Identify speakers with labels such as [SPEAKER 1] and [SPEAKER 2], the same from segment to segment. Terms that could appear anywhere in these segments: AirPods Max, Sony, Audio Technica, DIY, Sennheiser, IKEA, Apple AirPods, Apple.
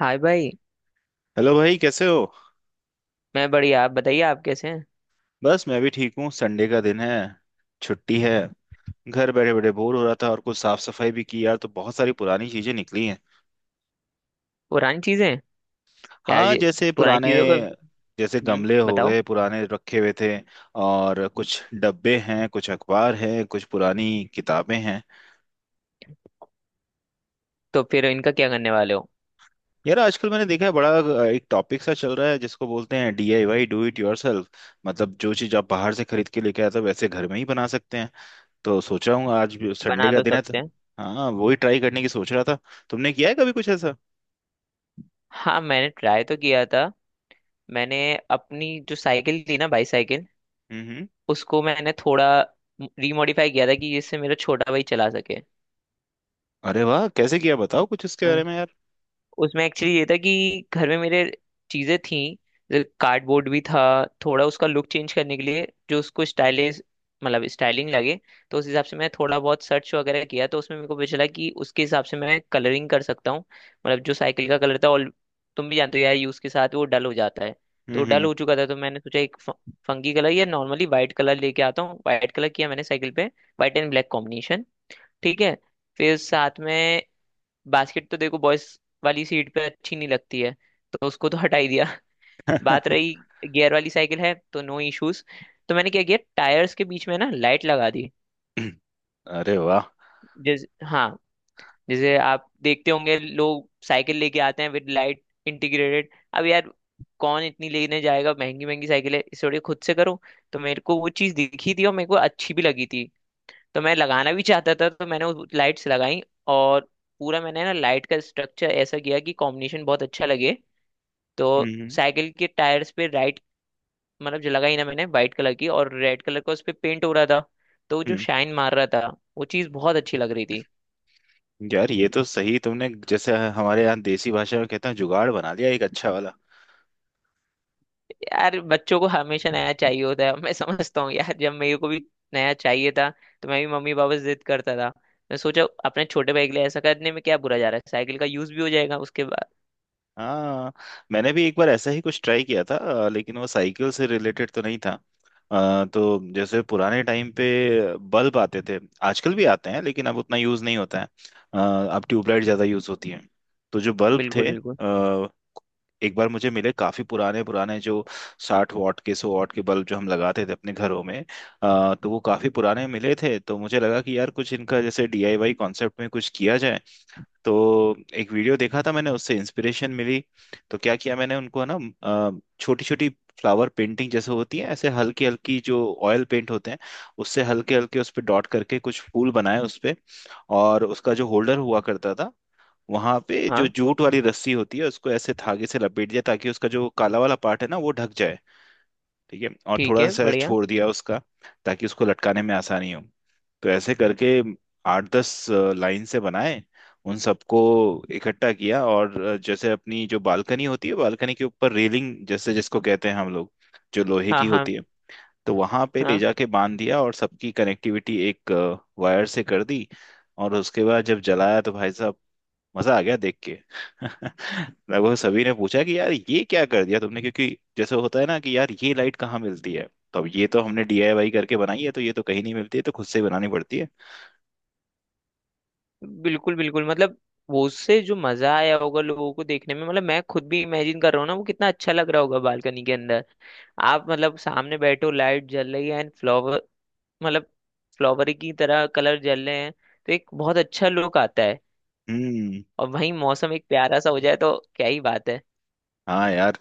[SPEAKER 1] हाय भाई।
[SPEAKER 2] हेलो भाई, कैसे हो।
[SPEAKER 1] मैं बढ़िया, आप बताइए, आप कैसे हैं।
[SPEAKER 2] बस मैं भी ठीक हूँ। संडे का दिन है। छुट्टी है। घर बैठे बैठे बोर हो रहा था और कुछ साफ सफाई भी की यार, तो बहुत सारी पुरानी चीजें निकली हैं।
[SPEAKER 1] पुरानी चीजें? यार
[SPEAKER 2] हाँ,
[SPEAKER 1] ये
[SPEAKER 2] जैसे
[SPEAKER 1] पुरानी
[SPEAKER 2] पुराने।
[SPEAKER 1] चीजों का।
[SPEAKER 2] जैसे
[SPEAKER 1] हम्म,
[SPEAKER 2] गमले हो
[SPEAKER 1] बताओ।
[SPEAKER 2] गए, पुराने रखे हुए थे। और कुछ डब्बे हैं, कुछ अखबार हैं, कुछ पुरानी किताबें हैं।
[SPEAKER 1] तो फिर इनका क्या करने वाले हो?
[SPEAKER 2] यार, आजकल मैंने देखा है बड़ा एक टॉपिक सा चल रहा है जिसको बोलते हैं डीआईवाई, डू इट योरसेल्फ। मतलब जो चीज आप बाहर से खरीद के लेके आए थे, वैसे घर में ही बना सकते हैं। तो सोच रहा हूँ आज भी संडे
[SPEAKER 1] बना
[SPEAKER 2] का
[SPEAKER 1] तो
[SPEAKER 2] दिन है तो।
[SPEAKER 1] सकते हैं।
[SPEAKER 2] हाँ, वही ट्राई करने की सोच रहा था। तुमने किया है कभी कुछ ऐसा?
[SPEAKER 1] हाँ, मैंने ट्राई तो किया था। मैंने अपनी जो साइकिल थी ना, बाईसाइकिल,
[SPEAKER 2] हम्म हम्म।
[SPEAKER 1] उसको मैंने थोड़ा रिमॉडिफाई किया था कि जिससे मेरा छोटा भाई चला सके।
[SPEAKER 2] अरे वाह, कैसे किया? बताओ कुछ इसके बारे में यार।
[SPEAKER 1] उसमें एक्चुअली ये था कि घर में मेरे चीजें थी, कार्डबोर्ड भी था। थोड़ा उसका लुक चेंज करने के लिए जो उसको स्टाइलिश, मतलब स्टाइलिंग लगे, तो उस हिसाब से मैं थोड़ा बहुत सर्च वगैरह किया, तो उसमें मेरे को पता चला कि उसके हिसाब से मैं कलरिंग कर सकता हूँ। मतलब जो साइकिल का कलर था, और तुम भी जानते हो यार यूज के साथ वो डल हो जाता है। तो डल
[SPEAKER 2] हम्म
[SPEAKER 1] हो चुका था, तो मैंने सोचा एक फंकी कलर या नॉर्मली वाइट कलर लेके आता हूँ। वाइट कलर किया मैंने साइकिल पे। White and black combination. ठीक है, फिर साथ में बास्केट, तो देखो बॉयज वाली सीट पे अच्छी नहीं लगती है, तो उसको तो हटा ही दिया। बात रही, गियर वाली साइकिल है तो नो इश्यूज। तो मैंने क्या किया, टायर्स के बीच में ना लाइट लगा दी।
[SPEAKER 2] हम्म। अरे वाह।
[SPEAKER 1] जैसे, हाँ, जैसे आप देखते होंगे लोग साइकिल लेके आते हैं विद लाइट इंटीग्रेटेड। अब यार कौन इतनी लेने जाएगा, महंगी महंगी साइकिल है इस, थोड़ी खुद से करो। तो मेरे को वो चीज़ दिखी थी और मेरे को अच्छी भी लगी थी, तो मैं लगाना भी चाहता था, तो मैंने लाइट्स लगाई। और पूरा मैंने ना लाइट का स्ट्रक्चर ऐसा किया कि कॉम्बिनेशन बहुत अच्छा लगे। तो
[SPEAKER 2] हम्म हम्म।
[SPEAKER 1] साइकिल के टायर्स पे राइट, मतलब जो लगाई ना मैंने वाइट कलर की, और रेड कलर का उस पे पेंट हो रहा था, तो वो जो
[SPEAKER 2] हम्म।
[SPEAKER 1] शाइन मार रहा था, वो चीज बहुत अच्छी लग रही थी।
[SPEAKER 2] यार, ये तो सही तुमने। जैसे हमारे यहाँ देसी भाषा में कहते हैं, जुगाड़ बना लिया एक अच्छा वाला।
[SPEAKER 1] यार, बच्चों को हमेशा नया चाहिए होता है। मैं समझता हूँ यार, जब मेरे को भी नया चाहिए था तो मैं भी मम्मी पापा से जिद करता था। मैं सोचा अपने छोटे भाई के लिए ऐसा करने में क्या बुरा जा रहा है, साइकिल का यूज भी हो जाएगा उसके बाद।
[SPEAKER 2] हाँ, मैंने भी एक बार ऐसा ही कुछ ट्राई किया था, लेकिन वो साइकिल से रिलेटेड तो नहीं था। तो जैसे पुराने टाइम पे बल्ब आते थे। आजकल भी आते हैं लेकिन अब उतना यूज़ नहीं होता है। अ, अब ट्यूबलाइट ज़्यादा यूज़ होती है। तो जो बल्ब
[SPEAKER 1] बिल्कुल
[SPEAKER 2] थे,
[SPEAKER 1] बिल्कुल।
[SPEAKER 2] अ, एक बार मुझे मिले काफी पुराने पुराने, जो 60 वॉट के, 100 वॉट के बल्ब जो हम लगाते थे अपने घरों में। तो वो काफी पुराने मिले थे, तो मुझे लगा कि यार कुछ इनका जैसे डीआईवाई कॉन्सेप्ट में कुछ किया जाए। तो एक वीडियो देखा था मैंने, उससे इंस्पिरेशन मिली। तो क्या किया मैंने उनको ना, छोटी छोटी फ्लावर पेंटिंग जैसे होती है ऐसे हल्की हल्की, जो ऑयल पेंट होते हैं उससे हल्के हल्के उस पे डॉट करके कुछ फूल बनाए उस पे। और उसका जो होल्डर हुआ करता था, वहां पे जो
[SPEAKER 1] हाँ।
[SPEAKER 2] जूट वाली रस्सी होती है उसको ऐसे धागे से लपेट दिया, ताकि उसका जो काला वाला पार्ट है ना, वो ढक जाए। ठीक है, और
[SPEAKER 1] ठीक
[SPEAKER 2] थोड़ा
[SPEAKER 1] है,
[SPEAKER 2] सा
[SPEAKER 1] बढ़िया।
[SPEAKER 2] छोड़ दिया उसका, ताकि उसको लटकाने में आसानी हो। तो ऐसे करके 8-10 लाइन से बनाए। उन सबको इकट्ठा किया, और जैसे अपनी जो बालकनी होती है, बालकनी के ऊपर रेलिंग जैसे जिसको कहते हैं हम लोग, जो लोहे
[SPEAKER 1] हाँ
[SPEAKER 2] की
[SPEAKER 1] हाँ।
[SPEAKER 2] होती है, तो वहां पे ले
[SPEAKER 1] हाँ।
[SPEAKER 2] जाके बांध दिया, और सबकी कनेक्टिविटी एक वायर से कर दी। और उसके बाद जब जलाया, तो भाई साहब, मजा आ गया देख के। लगभग सभी ने पूछा कि यार ये क्या कर दिया तुमने, क्योंकि जैसे होता है ना कि यार ये लाइट कहाँ मिलती है, तो अब ये तो हमने डीआईवाई करके बनाई है, तो ये तो कहीं नहीं मिलती है, तो खुद से बनानी पड़ती है।
[SPEAKER 1] बिल्कुल बिल्कुल। मतलब वो, उससे जो मजा आया होगा लोगों को देखने में, मतलब मैं खुद भी इमेजिन कर रहा हूँ ना वो कितना अच्छा लग रहा होगा बालकनी के अंदर। आप मतलब सामने बैठो, लाइट जल रही है एंड फ्लावर, मतलब फ्लावर की तरह कलर जल रहे हैं, तो एक बहुत अच्छा लुक आता है।
[SPEAKER 2] हम्म।
[SPEAKER 1] और वहीं मौसम एक प्यारा सा हो जाए तो क्या ही बात है।
[SPEAKER 2] हाँ यार,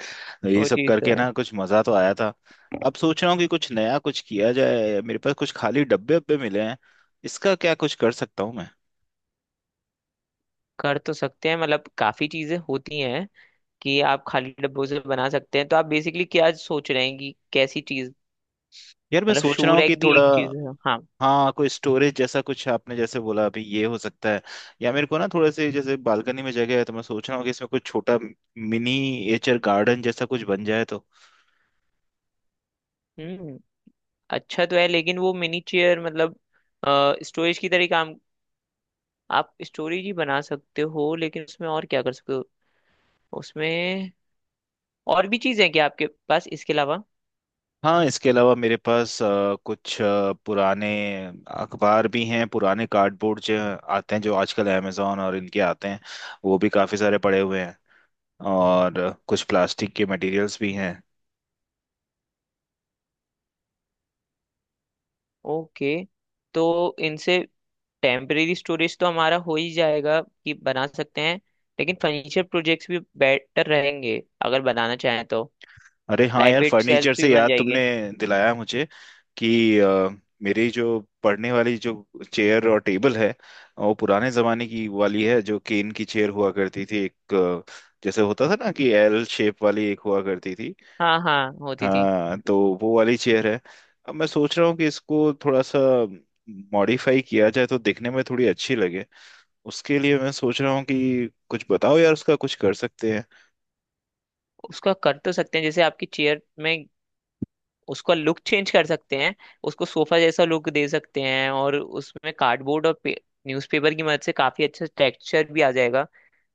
[SPEAKER 2] तो ये
[SPEAKER 1] वो
[SPEAKER 2] सब
[SPEAKER 1] चीज़ तो
[SPEAKER 2] करके
[SPEAKER 1] है।
[SPEAKER 2] ना कुछ मजा तो आया था। अब सोच रहा हूँ कि कुछ नया कुछ किया जाए, मेरे पास कुछ खाली डब्बे उब्बे मिले हैं। इसका क्या कुछ कर सकता हूँ मैं?
[SPEAKER 1] कर तो सकते हैं, मतलब काफी चीजें होती हैं कि आप खाली डब्बों से बना सकते हैं। तो आप बेसिकली क्या सोच रहे हैं कि कैसी चीज?
[SPEAKER 2] यार मैं
[SPEAKER 1] मतलब
[SPEAKER 2] सोच रहा
[SPEAKER 1] शू
[SPEAKER 2] हूँ कि
[SPEAKER 1] रैक भी
[SPEAKER 2] थोड़ा।
[SPEAKER 1] एक चीज है, हाँ।
[SPEAKER 2] हाँ, कोई स्टोरेज जैसा कुछ आपने जैसे बोला अभी, ये हो सकता है। या मेरे को ना थोड़े से जैसे बालकनी में जगह है, तो मैं सोच रहा हूँ कि इसमें कुछ छोटा मिनीएचर गार्डन जैसा कुछ बन जाए तो।
[SPEAKER 1] हम्म, अच्छा तो है, लेकिन वो मिनी चेयर, मतलब स्टोरेज की तरह काम। आप स्टोरेज ही बना सकते हो, लेकिन उसमें और क्या कर सकते हो? उसमें और भी चीजें हैं क्या आपके पास इसके अलावा?
[SPEAKER 2] हाँ, इसके अलावा मेरे पास कुछ पुराने अखबार भी हैं, पुराने कार्डबोर्ड जो आते हैं, जो आजकल अमेजोन और इनके आते हैं, वो भी काफ़ी सारे पड़े हुए हैं। और कुछ प्लास्टिक के मटेरियल्स भी हैं।
[SPEAKER 1] ओके, तो इनसे टेम्परेरी स्टोरेज तो हमारा हो ही जाएगा कि बना सकते हैं। लेकिन फर्नीचर प्रोजेक्ट्स भी बेटर रहेंगे अगर बनाना चाहें तो।
[SPEAKER 2] अरे हाँ
[SPEAKER 1] लाइट
[SPEAKER 2] यार,
[SPEAKER 1] वेट सेल्स
[SPEAKER 2] फर्नीचर से
[SPEAKER 1] भी बन
[SPEAKER 2] याद
[SPEAKER 1] जाएंगे।
[SPEAKER 2] तुमने दिलाया मुझे कि मेरी जो पढ़ने वाली जो चेयर और टेबल है, वो पुराने जमाने की वाली है, जो केन की चेयर हुआ करती थी, एक जैसे होता था ना कि एल शेप वाली एक हुआ करती थी।
[SPEAKER 1] हाँ हाँ, होती थी।
[SPEAKER 2] हाँ, तो वो वाली चेयर है। अब मैं सोच रहा हूँ कि इसको थोड़ा सा मॉडिफाई किया जाए, तो दिखने में थोड़ी अच्छी लगे। उसके लिए मैं सोच रहा हूँ कि कुछ बताओ यार, उसका कुछ कर सकते हैं?
[SPEAKER 1] उसका कर तो सकते हैं, जैसे आपकी चेयर में उसका लुक चेंज कर सकते हैं, उसको सोफा जैसा लुक दे सकते हैं, और उसमें कार्डबोर्ड और न्यूज़पेपर की मदद से काफी अच्छा टेक्सचर भी आ जाएगा,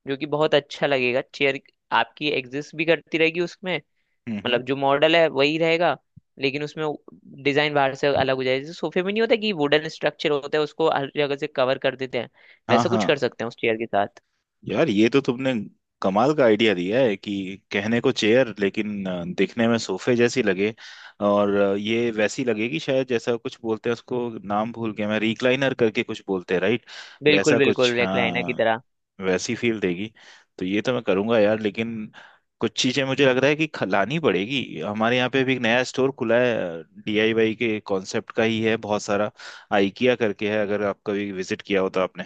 [SPEAKER 1] जो कि बहुत अच्छा लगेगा। चेयर आपकी एग्जिस्ट भी करती रहेगी उसमें,
[SPEAKER 2] हम्म।
[SPEAKER 1] मतलब जो मॉडल है वही रहेगा, लेकिन उसमें डिजाइन बाहर से अलग हो जाएगा। जैसे सोफे में नहीं होता कि वुडन स्ट्रक्चर होता है, उसको हर जगह से कवर कर देते हैं,
[SPEAKER 2] हाँ
[SPEAKER 1] वैसा कुछ कर
[SPEAKER 2] हाँ।
[SPEAKER 1] सकते हैं उस चेयर के साथ।
[SPEAKER 2] यार ये तो तुमने कमाल का आइडिया दिया है, कि कहने को चेयर लेकिन दिखने में सोफे जैसी लगे। और ये वैसी लगेगी शायद, जैसा कुछ बोलते हैं उसको, नाम भूल गया मैं, रिक्लाइनर करके कुछ बोलते हैं, राइट? वैसा
[SPEAKER 1] बिल्कुल
[SPEAKER 2] कुछ,
[SPEAKER 1] बिल्कुल, रेक्लाइनर की
[SPEAKER 2] हाँ।
[SPEAKER 1] तरह।
[SPEAKER 2] वैसी फील देगी। तो ये तो मैं करूंगा यार, लेकिन कुछ चीजें मुझे लग रहा है कि लानी पड़ेगी। हमारे यहाँ पे भी एक नया स्टोर खुला है, डीआईवाई के कॉन्सेप्ट का ही है बहुत सारा। आइकिया करके है, अगर आप कभी विजिट किया हो तो आपने।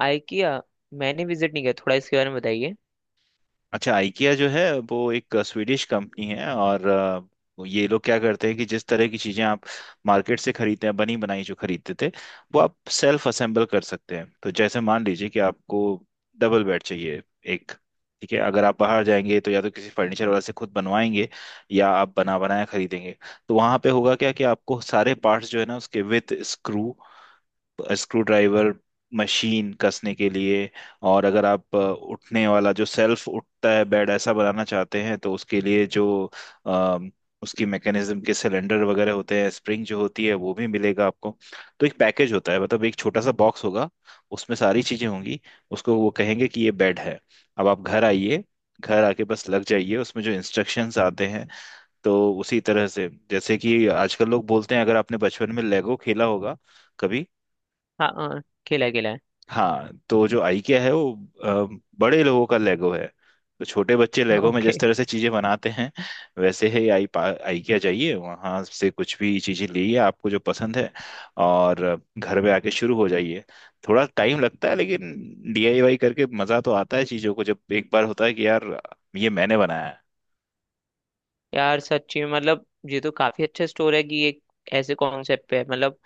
[SPEAKER 1] आइकिया? मैंने विजिट नहीं किया, थोड़ा इसके बारे में बताइए।
[SPEAKER 2] अच्छा, IKEA जो है वो एक स्वीडिश कंपनी है, और ये लोग क्या करते हैं कि जिस तरह की चीजें आप मार्केट से खरीदते हैं, बनी बनाई जो खरीदते थे, वो आप सेल्फ असेंबल कर सकते हैं। तो जैसे मान लीजिए कि आपको डबल बेड चाहिए एक। ठीक है, अगर आप बाहर जाएंगे तो या तो किसी फर्नीचर वाले से खुद बनवाएंगे, या आप बना बनाया खरीदेंगे। तो वहां पे होगा क्या कि आपको सारे पार्ट्स जो है ना उसके, with screw, screwdriver, machine कसने के लिए। और अगर आप उठने वाला जो सेल्फ उठता है बेड, ऐसा बनाना चाहते हैं, तो उसके लिए जो अ, उसकी मैकेनिज्म के सिलेंडर वगैरह होते हैं, स्प्रिंग जो होती है, वो भी मिलेगा आपको। तो एक पैकेज होता है, मतलब एक छोटा सा बॉक्स होगा, उसमें सारी चीजें होंगी। उसको वो कहेंगे कि ये बेड है, अब आप घर आइए। घर आके बस लग जाइए, उसमें जो इंस्ट्रक्शंस आते हैं, तो उसी तरह से, जैसे कि आजकल लोग बोलते हैं, अगर आपने बचपन में लेगो खेला होगा कभी।
[SPEAKER 1] हाँ हाँ, खेला है, खेला है।
[SPEAKER 2] हाँ, तो जो आइकिया है वो बड़े लोगों का लेगो है। तो छोटे बच्चे लेगो में जिस
[SPEAKER 1] ओके।
[SPEAKER 2] तरह से चीजें बनाते हैं, वैसे ही आई आइकिया जाइए, वहां से कुछ भी चीजें लीजिए आपको जो पसंद है, और घर में आके शुरू हो जाइए। थोड़ा टाइम लगता है लेकिन डीआईवाई करके मजा तो आता है चीजों को, जब एक बार होता है कि यार ये मैंने बनाया है।
[SPEAKER 1] यार सच्ची में, मतलब ये तो काफी अच्छा स्टोर है कि ये ऐसे कॉन्सेप्ट पे है। मतलब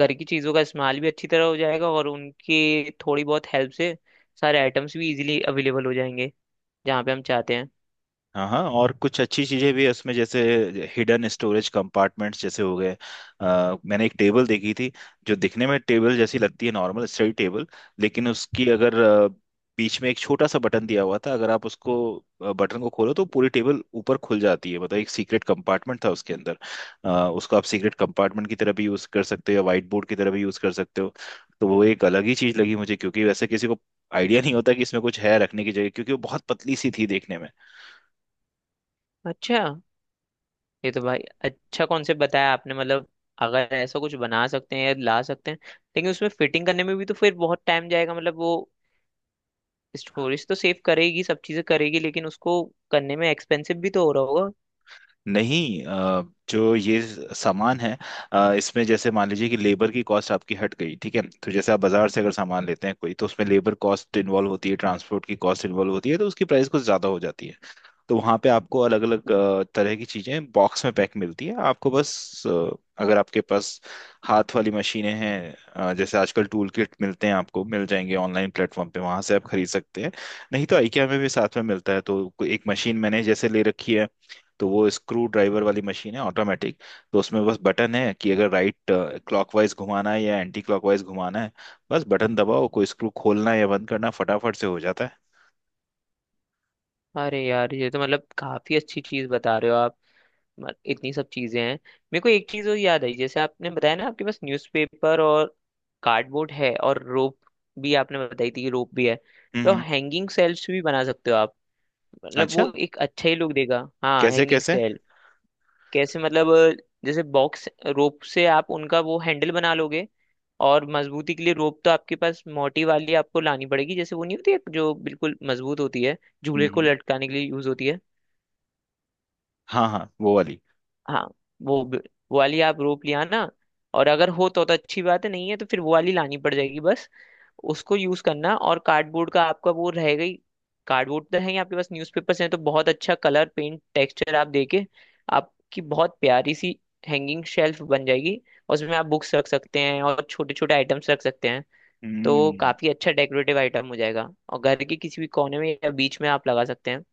[SPEAKER 1] घर की चीजों का इस्तेमाल भी अच्छी तरह हो जाएगा, और उनकी थोड़ी बहुत हेल्प से सारे आइटम्स भी इजीली अवेलेबल हो जाएंगे जहाँ पे हम चाहते हैं।
[SPEAKER 2] हाँ हाँ, और कुछ अच्छी चीजें भी है उसमें, जैसे हिडन स्टोरेज कंपार्टमेंट्स जैसे हो गए। मैंने एक टेबल देखी थी, जो दिखने में टेबल जैसी लगती है, नॉर्मल स्टडी टेबल, लेकिन उसकी अगर बीच में एक छोटा सा बटन दिया हुआ था, अगर आप उसको बटन को खोलो तो पूरी टेबल ऊपर खुल जाती है, मतलब एक सीक्रेट कंपार्टमेंट था उसके अंदर। उसको आप सीक्रेट कंपार्टमेंट की तरह भी यूज कर सकते हो, या व्हाइट बोर्ड की तरह भी यूज कर सकते हो। तो वो एक अलग ही चीज लगी मुझे, क्योंकि वैसे किसी को आइडिया नहीं होता कि इसमें कुछ है रखने की जगह, क्योंकि वो बहुत पतली सी थी देखने में।
[SPEAKER 1] अच्छा, ये तो भाई अच्छा कॉन्सेप्ट बताया आपने। मतलब अगर ऐसा कुछ बना सकते हैं या ला सकते हैं, लेकिन उसमें फिटिंग करने में भी तो फिर बहुत टाइम जाएगा। मतलब वो स्टोरेज तो सेव करेगी, सब चीजें करेगी, लेकिन उसको करने में एक्सपेंसिव भी तो हो रहा होगा।
[SPEAKER 2] नहीं, जो ये सामान है, इसमें जैसे मान लीजिए कि लेबर की कॉस्ट आपकी हट गई। ठीक है, तो जैसे आप बाजार से अगर सामान लेते हैं कोई, तो उसमें लेबर कॉस्ट इन्वॉल्व होती है, ट्रांसपोर्ट की कॉस्ट इन्वॉल्व होती है, तो उसकी प्राइस कुछ ज्यादा हो जाती है। तो वहाँ पे आपको अलग अलग तरह की चीजें बॉक्स में पैक मिलती है, आपको बस अगर आपके पास हाथ वाली मशीनें हैं, जैसे आजकल टूल किट मिलते हैं, आपको मिल जाएंगे ऑनलाइन प्लेटफॉर्म पे, वहां से आप खरीद सकते हैं। नहीं तो IKEA में भी साथ में मिलता है, तो कोई एक मशीन मैंने जैसे ले रखी है, तो वो स्क्रू ड्राइवर वाली मशीन है ऑटोमेटिक। तो उसमें बस बटन है कि अगर राइट क्लॉकवाइज घुमाना है या एंटी क्लॉकवाइज घुमाना है, बस बटन दबाओ, कोई स्क्रू खोलना या बंद करना फटाफट से हो जाता है।
[SPEAKER 1] अरे यार, ये तो मतलब काफी अच्छी चीज बता रहे हो आप। इतनी सब चीजें हैं। मेरे को एक चीज और याद आई, जैसे आपने बताया ना आपके पास न्यूज़पेपर और कार्डबोर्ड है, और रोप भी आपने बताई थी कि रोप भी है।
[SPEAKER 2] हम्म
[SPEAKER 1] तो
[SPEAKER 2] हम्म।
[SPEAKER 1] हैंगिंग सेल्स भी बना सकते हो आप, मतलब वो
[SPEAKER 2] अच्छा,
[SPEAKER 1] एक अच्छा ही लुक देगा। हाँ,
[SPEAKER 2] कैसे
[SPEAKER 1] हैंगिंग
[SPEAKER 2] कैसे?
[SPEAKER 1] सेल। कैसे? मतलब जैसे बॉक्स रोप से आप उनका वो हैंडल बना लोगे। और मजबूती के लिए रोप तो आपके पास मोटी वाली आपको लानी पड़ेगी, जैसे वो नहीं होती है जो बिल्कुल मजबूत होती है,
[SPEAKER 2] हम्म
[SPEAKER 1] झूले को
[SPEAKER 2] हम्म।
[SPEAKER 1] लटकाने के लिए यूज होती है।
[SPEAKER 2] हाँ हाँ, वो वाली।
[SPEAKER 1] हाँ, वो ब- वो वाली आप रोप ले आना। और अगर हो तो अच्छी बात है, नहीं है तो फिर वो वाली लानी पड़ जाएगी बस। उसको यूज करना और कार्डबोर्ड का आपका वो रहेगा ही, कार्डबोर्ड तो है ही आपके पास, न्यूज़पेपर्स हैं, तो बहुत अच्छा कलर पेंट टेक्सचर आप देके आपकी बहुत प्यारी सी हैंगिंग शेल्फ बन जाएगी। और उसमें आप बुक्स रख सकते हैं और छोटे छोटे आइटम्स रख सकते हैं। तो
[SPEAKER 2] हम्म।
[SPEAKER 1] काफी अच्छा डेकोरेटिव आइटम हो जाएगा और घर के किसी भी कोने में या बीच में आप लगा सकते हैं।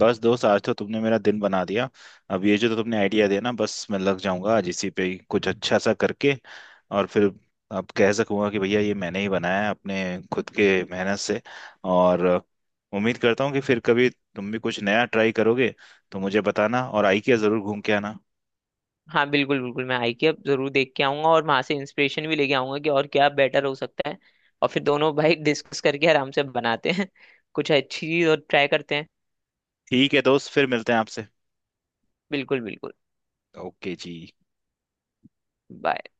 [SPEAKER 2] बस दोस्त, आज तो तुमने मेरा दिन बना दिया। अब ये जो तो तुमने आइडिया दिया ना, बस मैं लग जाऊंगा आज इसी पे ही कुछ अच्छा सा करके। और फिर अब कह सकूंगा कि भैया ये मैंने ही बनाया है अपने खुद के मेहनत से। और उम्मीद करता हूँ कि फिर कभी तुम भी कुछ नया ट्राई करोगे तो मुझे बताना, और आई के जरूर घूम के आना।
[SPEAKER 1] हाँ बिल्कुल बिल्कुल, मैं आई की अब जरूर देख के आऊंगा और वहां से इंस्पिरेशन भी लेके आऊंगा कि और क्या बेटर हो सकता है। और फिर दोनों भाई डिस्कस करके आराम से बनाते हैं कुछ अच्छी चीज और ट्राई करते हैं।
[SPEAKER 2] ठीक है दोस्त, फिर मिलते हैं आपसे।
[SPEAKER 1] बिल्कुल बिल्कुल।
[SPEAKER 2] ओके जी।
[SPEAKER 1] Bye.